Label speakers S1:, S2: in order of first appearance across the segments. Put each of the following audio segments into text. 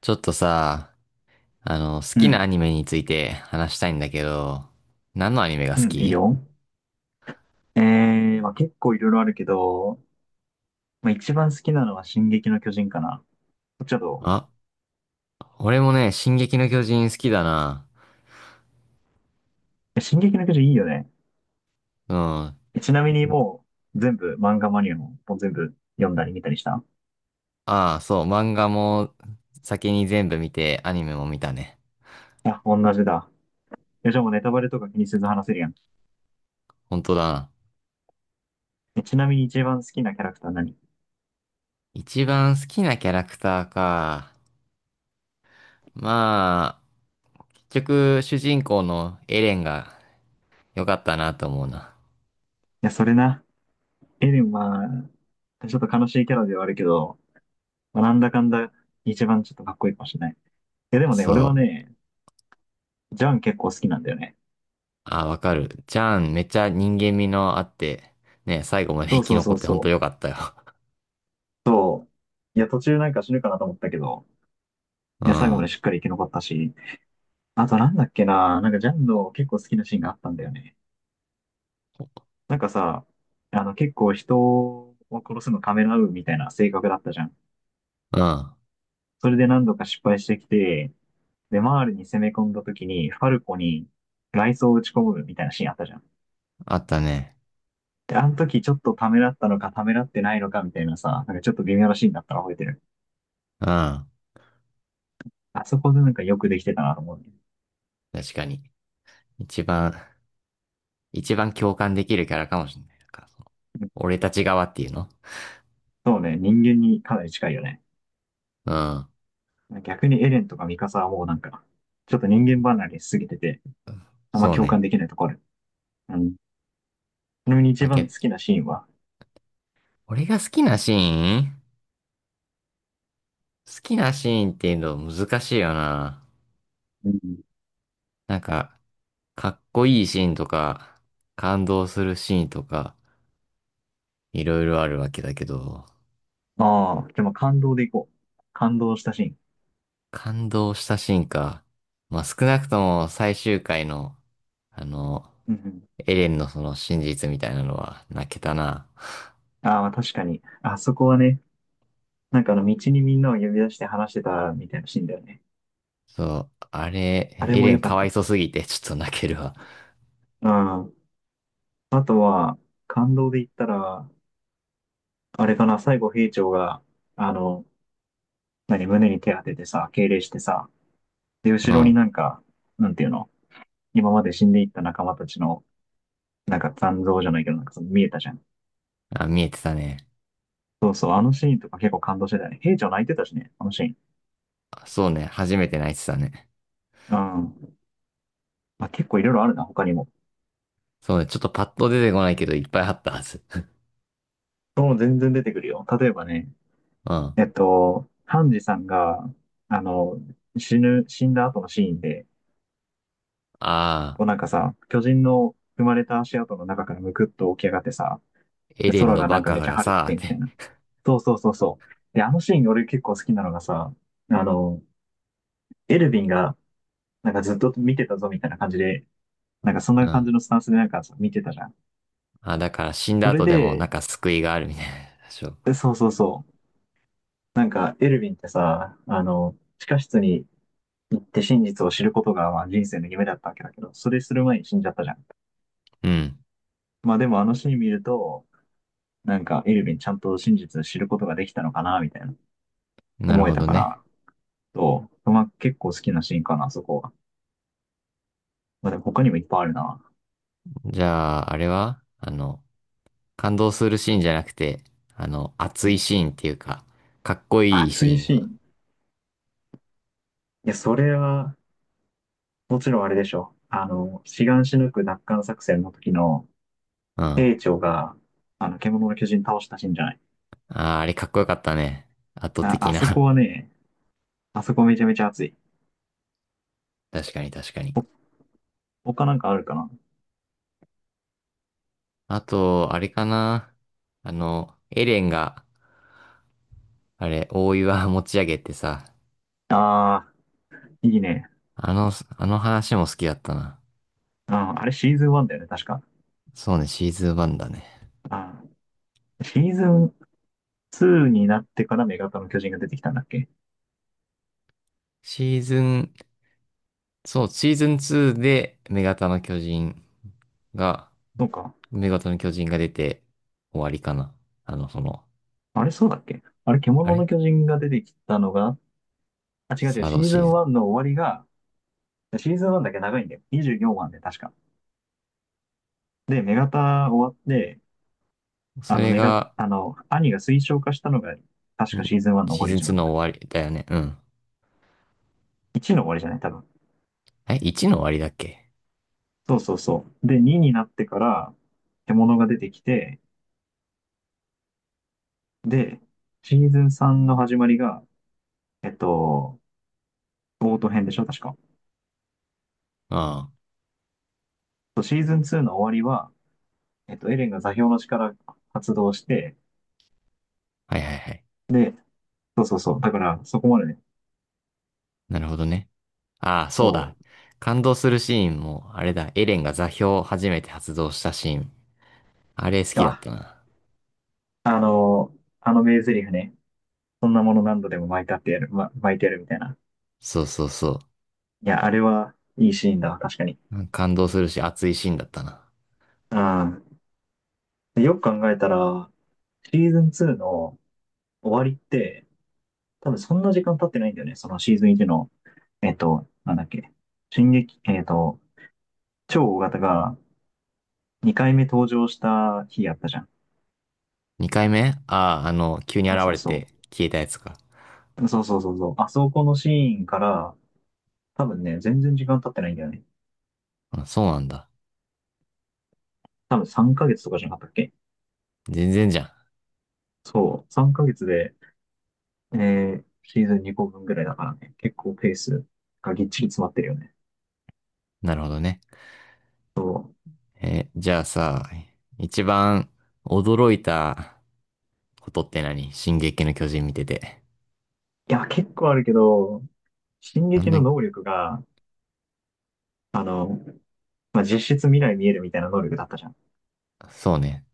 S1: ちょっとさ、好
S2: う
S1: きな
S2: ん。
S1: アニメについて話したいんだけど、何のアニメが
S2: う
S1: 好
S2: ん、いい
S1: き？
S2: よ。まあ、結構いろいろあるけど、まあ、一番好きなのは進撃の巨人かな。ちょっと、
S1: あ、俺もね、進撃の巨人好きだな。
S2: え進撃の巨人いいよね。
S1: うん。
S2: ちなみにもう、全部、漫画マニアも、もう全部読んだり見たりした？
S1: ああ、そう、漫画も先に全部見て、アニメも見たね。
S2: いや、同じだ。じゃあもうネタバレとか気にせず話せるやん。
S1: 本当だな。
S2: ちなみに一番好きなキャラクター何？い
S1: 一番好きなキャラクターか。まあ、結局、主人公のエレンが良かったなと思うな。
S2: や、それな。エレンは、ちょっと悲しいキャラではあるけど、まあ、なんだかんだ、一番ちょっとかっこいいかもしれない。いや、でもね、俺
S1: そ
S2: は
S1: う。
S2: ね、ジャン結構好きなんだよね。
S1: あ、わかる。ジャン、めっちゃ人間味のあって、ね、最後まで
S2: そ
S1: 生
S2: う
S1: き
S2: そうそ
S1: 残っ
S2: う
S1: て本
S2: そ
S1: 当良
S2: う。
S1: かったよ。
S2: いや、途中なんか死ぬかなと思ったけど、
S1: うん。
S2: いや、最後
S1: う
S2: まで
S1: ん。
S2: しっかり生き残ったし、あとなんだっけな、なんかジャンの結構好きなシーンがあったんだよね。なんかさ、あの結構人を殺すのためらうみたいな性格だったじゃん。
S1: あ
S2: それで何度か失敗してきて、で、マールに攻め込んだ時に、ファルコに雷装を打ち込むみたいなシーンあったじゃん。
S1: ったね。
S2: で、あの時ちょっとためらったのかためらってないのかみたいなさ、なんかちょっと微妙なシーンだったら覚えてる。
S1: うん。
S2: あそこでなんかよくできてたなと思うね。
S1: 確かに。一番、一番共感できるキャラかもしれない。なんかその俺たち側っていうの。
S2: そうね、人間にかなり近いよね。
S1: うん。
S2: 逆にエレンとかミカサはもうなんか、ちょっと人間離れしすぎてて、あんま
S1: そう
S2: 共感
S1: ね。
S2: できないところ。うん。ちなみに
S1: ま
S2: 一
S1: あ、
S2: 番好
S1: け、
S2: きなシーンは？
S1: 俺が好きなシーン、好きなシーンっていうの難しいよな。
S2: うん。
S1: なんか、かっこいいシーンとか、感動するシーンとか、いろいろあるわけだけど、
S2: ああ、でも感動でいこう。感動したシーン。
S1: 感動したシーンか。まあ、少なくとも最終回の、あの、
S2: うん
S1: エレンのその真実みたいなのは泣けたな。
S2: うん。ああ、確かに。あそこはね、なんかあの道にみんなを呼び出して話してたみたいなシーンだよね。
S1: そう、あれ、
S2: あれ
S1: エ
S2: も
S1: レン
S2: 良か
S1: か
S2: っ
S1: わいそ
S2: た。
S1: すぎてちょっと泣けるわ。
S2: うん。あとは、感動で言ったら、あれかな、最後兵長が、あの、胸に手当ててさ、敬礼してさ、で、後
S1: う
S2: ろに
S1: ん。
S2: なんか、なんていうの、今まで死んでいった仲間たちの、なんか残像じゃないけど、なんかその見えたじゃん。
S1: あ、見えてたね。
S2: そうそう、あのシーンとか結構感動してたよね。兵長泣いてたしね、あのシーン。
S1: あ、そうね、初めて泣いてたね。
S2: うん。まあ、結構いろいろあるな、他にも。
S1: そうね、ちょっとパッと出てこないけどいっぱいあったはず。
S2: そう、全然出てくるよ。例えばね、
S1: うん。あ
S2: ハンジさんが、あの、死んだ後のシーンで、
S1: あ、
S2: こうなんかさ、巨人の踏まれた足跡の中からむくっと起き上がってさ、
S1: エ
S2: で
S1: レン
S2: 空
S1: の
S2: がなん
S1: バ
S2: か
S1: カ
S2: めちゃ
S1: が
S2: 晴れて
S1: さ、っ
S2: てみた
S1: て。
S2: いな。そうそうそうそう。で、あのシーン俺結構好きなのがさ、あの、エルヴィンがなんかずっと見てたぞみたいな感じで、なんかそんな
S1: う
S2: 感
S1: ん。
S2: じのスタンスでなんかさ見てたじゃん。
S1: あ、だから死んだ
S2: それ
S1: 後でもな
S2: で、
S1: んか救いがあるみたいな。そう。
S2: そうそうそう。なんかエルヴィンってさ、地下室に行って真実を知ることがまあ人生の夢だったわけだけど、それする前に死んじゃったじゃん。
S1: うん。
S2: まあでもあのシーン見ると、なんかエルヴィンちゃんと真実を知ることができたのかな、みたいな
S1: なる
S2: 思え
S1: ほ
S2: た
S1: ど
S2: か
S1: ね。
S2: ら、と、まあ結構好きなシーンかな、そこは。まあでも他にもいっぱいあるな。
S1: じゃあ、あれは感動するシーンじゃなくて、
S2: う
S1: 熱い
S2: ん。
S1: シーンっていうか、かっこいいシ
S2: 熱い
S1: ーン
S2: シー
S1: を。
S2: ン。いや、それは、もちろんあれでしょ。シガンシヌク奪還作戦の時の、
S1: うん。あ
S2: 兵長が、獣の巨人倒したシーンじゃない。
S1: あ、あれかっこよかったね。圧倒
S2: あ、
S1: 的
S2: あそこ
S1: な。
S2: はね、あそこめちゃめちゃ熱い。
S1: 確かに確かに。
S2: 他なんかあるかな？
S1: あと、あれかな。エレンが、あれ、大岩持ち上げてさ、
S2: ああー、いいね。
S1: あの、あの話も好きだったな。
S2: うん、あれシーズン1だよね、確か。
S1: そうね、シーズン1だね。
S2: あシーズン2になってから女型の巨人が出てきたんだっけ？
S1: シーズン、そう、シーズン2で、女型の巨人が、
S2: そうか。
S1: 女型の巨人が出て終わりかな。あの、その、
S2: あれ、そうだっけ？あれ、
S1: あ
S2: 獣の
S1: れ
S2: 巨人が出てきたのが、あ、違う違
S1: サ
S2: う、
S1: ー
S2: シ
S1: ド
S2: ーズ
S1: シー
S2: ン
S1: ズ
S2: 1の終わりが、シーズン1だけ長いんだよ。24話で確か。で、女型終わって、
S1: ン。そ
S2: あの、
S1: れ
S2: メガ、
S1: が、
S2: あの、兄が推奨化したのが、確か
S1: ん、
S2: シーズン1の終
S1: シー
S2: わり
S1: ズン
S2: じゃ
S1: 2
S2: なかっ
S1: の
S2: たっけ
S1: 終わりだよね。うん。
S2: ?1 の終わりじゃない多分。
S1: え、1の終わりだっけ？
S2: そうそうそう。で、2になってから、獣が出てきて、で、シーズン3の始まりが、えっと、オート編でしょ確か。
S1: あ
S2: そう、シーズン2の終わりは、エレンが座標の力発動して、
S1: あ、はいはいはい。
S2: で、そうそうそう。だから、そこまでね。
S1: なるほどね。ああ、
S2: そ
S1: そうだ。
S2: う。
S1: 感動するシーンも、あれだ、エレンが座標を初めて発動したシーン。あれ好きだっ
S2: あ、
S1: たな。
S2: あの、あの名台詞ね。そんなもの何度でも巻いたってやる、巻いてやるみたいな。
S1: そうそうそう。
S2: いや、あれはいいシーンだわ、確かに。
S1: うん、感動するし、熱いシーンだったな。
S2: うん。よく考えたら、シーズン2の終わりって、多分そんな時間経ってないんだよね。そのシーズン1の、なんだっけ、進撃、えっと、超大型が2回目登場した日やったじゃん。
S1: 二回目、ああ、急に
S2: そ
S1: 現
S2: うそう
S1: れ
S2: そ
S1: て消えたやつか。
S2: う。そうそうそうそう。あそこのシーンから、多分ね、全然時間経ってないんだよね。
S1: あ、そうなんだ。
S2: 多分3ヶ月とかじゃなかったっけ？
S1: 全然じゃ
S2: そう。3ヶ月で、シーズン2個分ぐらいだからね。結構ペースがぎっちり詰まってるよね。
S1: ん。なるほどね。え、じゃあさ、一番驚いたことって何、進撃の巨人見てて。
S2: いや、結構あるけど、進
S1: なん
S2: 撃の
S1: で、
S2: 能力が、あの、まあ、実質未来見えるみたいな能力だったじゃん。い
S1: そうね。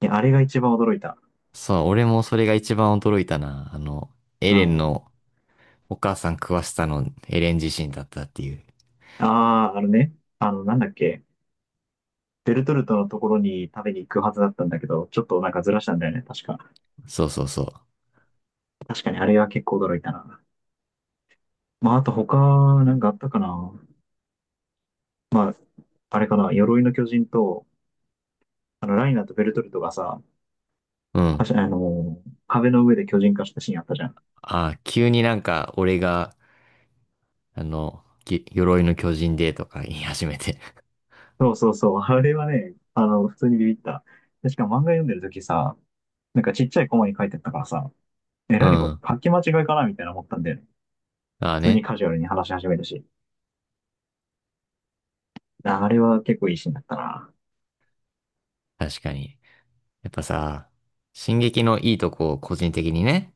S2: や、あれが一番驚いた。
S1: そう、俺もそれが一番驚いたな。エ
S2: う
S1: レン
S2: ん。
S1: のお母さん食わしたのエレン自身だったっていう。
S2: ああ、あのね、なんだっけ、ベルトルトのところに食べに行くはずだったんだけど、ちょっとなんかずらしたんだよね、確か。
S1: そうそうそ
S2: 確かにあれは結構驚いたな。まあ、あと他、なんかあったかな。あれかな、鎧の巨人と、ライナーとベルトルトがさ、
S1: う。う
S2: は
S1: ん。
S2: しあの、壁の上で巨人化したシーンあったじゃん。
S1: あ、急になんか俺が、鎧の巨人でとか言い始めて。
S2: そうそうそう。あれはね、普通にビビった。しかも漫画読んでる時さ、なんかちっちゃいコマに書いてあったからさ、
S1: う
S2: 何こ
S1: ん。
S2: れ書き間違いかなみたいな思ったんだよね。
S1: あ
S2: 普
S1: あ
S2: 通に
S1: ね。
S2: カジュアルに話し始めたし。ああれは結構いいシーンだったな。
S1: 確かに。やっぱさ、進撃のいいとこを個人的にね。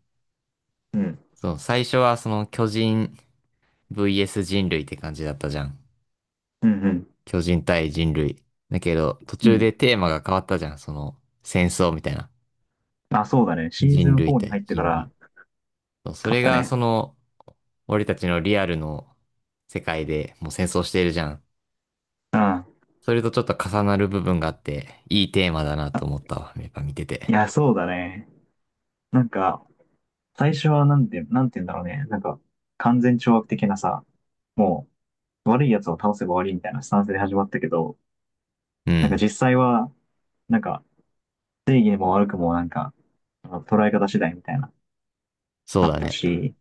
S2: うん。
S1: そう、最初はその巨人 VS 人類って感じだったじゃん。
S2: うん
S1: 巨人対人類。だけど、途
S2: うん。う
S1: 中
S2: ん。
S1: でテーマが変わったじゃん。その、戦争みたいな。
S2: あ、そうだね。シーズ
S1: 人
S2: ン
S1: 類
S2: 4に
S1: 対
S2: 入ってか
S1: 人類。
S2: ら
S1: そうそ
S2: 買っ
S1: れ
S2: た
S1: が
S2: ね。
S1: その、俺たちのリアルの世界でもう戦争しているじゃん。
S2: うん。
S1: それとちょっと重なる部分があって、いいテーマだなと思ったわ。やっぱ見て
S2: い
S1: て。
S2: や、そうだね。なんか、最初はなんて言うんだろうね。なんか、完全懲悪的なさ、もう、悪い奴を倒せば終わりみたいなスタンスで始まったけど、
S1: う
S2: なんか
S1: ん。
S2: 実際は、なんか正義も悪くもなんか、捉え方次第みたいな、
S1: そ
S2: あ
S1: う
S2: っ
S1: だ
S2: た
S1: ね。
S2: し、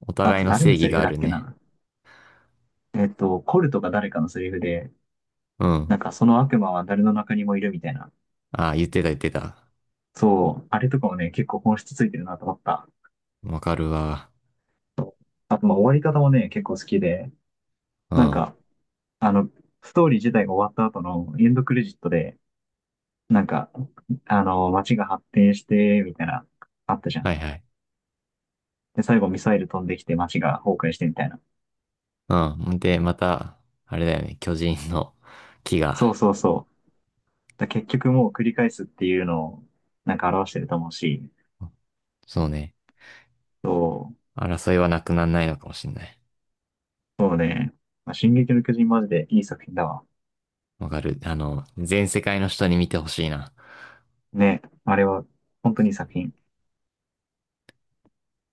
S1: お
S2: あ
S1: 互い
S2: と
S1: の
S2: 誰
S1: 正
S2: の
S1: 義
S2: セリフ
S1: があ
S2: だっ
S1: る
S2: け
S1: ね。
S2: な。コルとか誰かのセリフで、
S1: うん。
S2: なんかその悪魔は誰の中にもいるみたいな。
S1: ああ、言ってた言ってた。
S2: そう、あれとかもね、結構本質ついてるなと思った。
S1: わかるわ。
S2: あと、まあ終わり方もね、結構好きで、
S1: うん。
S2: なん
S1: は
S2: か、あの、ストーリー自体が終わった後のエンドクレジットで、なんか、街が発展して、みたいな、あったじゃ
S1: い
S2: ん。
S1: はい。
S2: で、最後ミサイル飛んできて街が崩壊してみたいな。
S1: うん。で、また、あれだよね。巨人の木
S2: そう
S1: が。
S2: そうそう。結局もう繰り返すっていうのを、なんか表してると思うし、
S1: そうね。
S2: そう、
S1: 争いはなくならないのかもしれない。
S2: そうね。まあ進撃の巨人マジでいい作品だわ。
S1: わかる。全世界の人に見てほしいな。
S2: ね、あれは、本当にいい作品。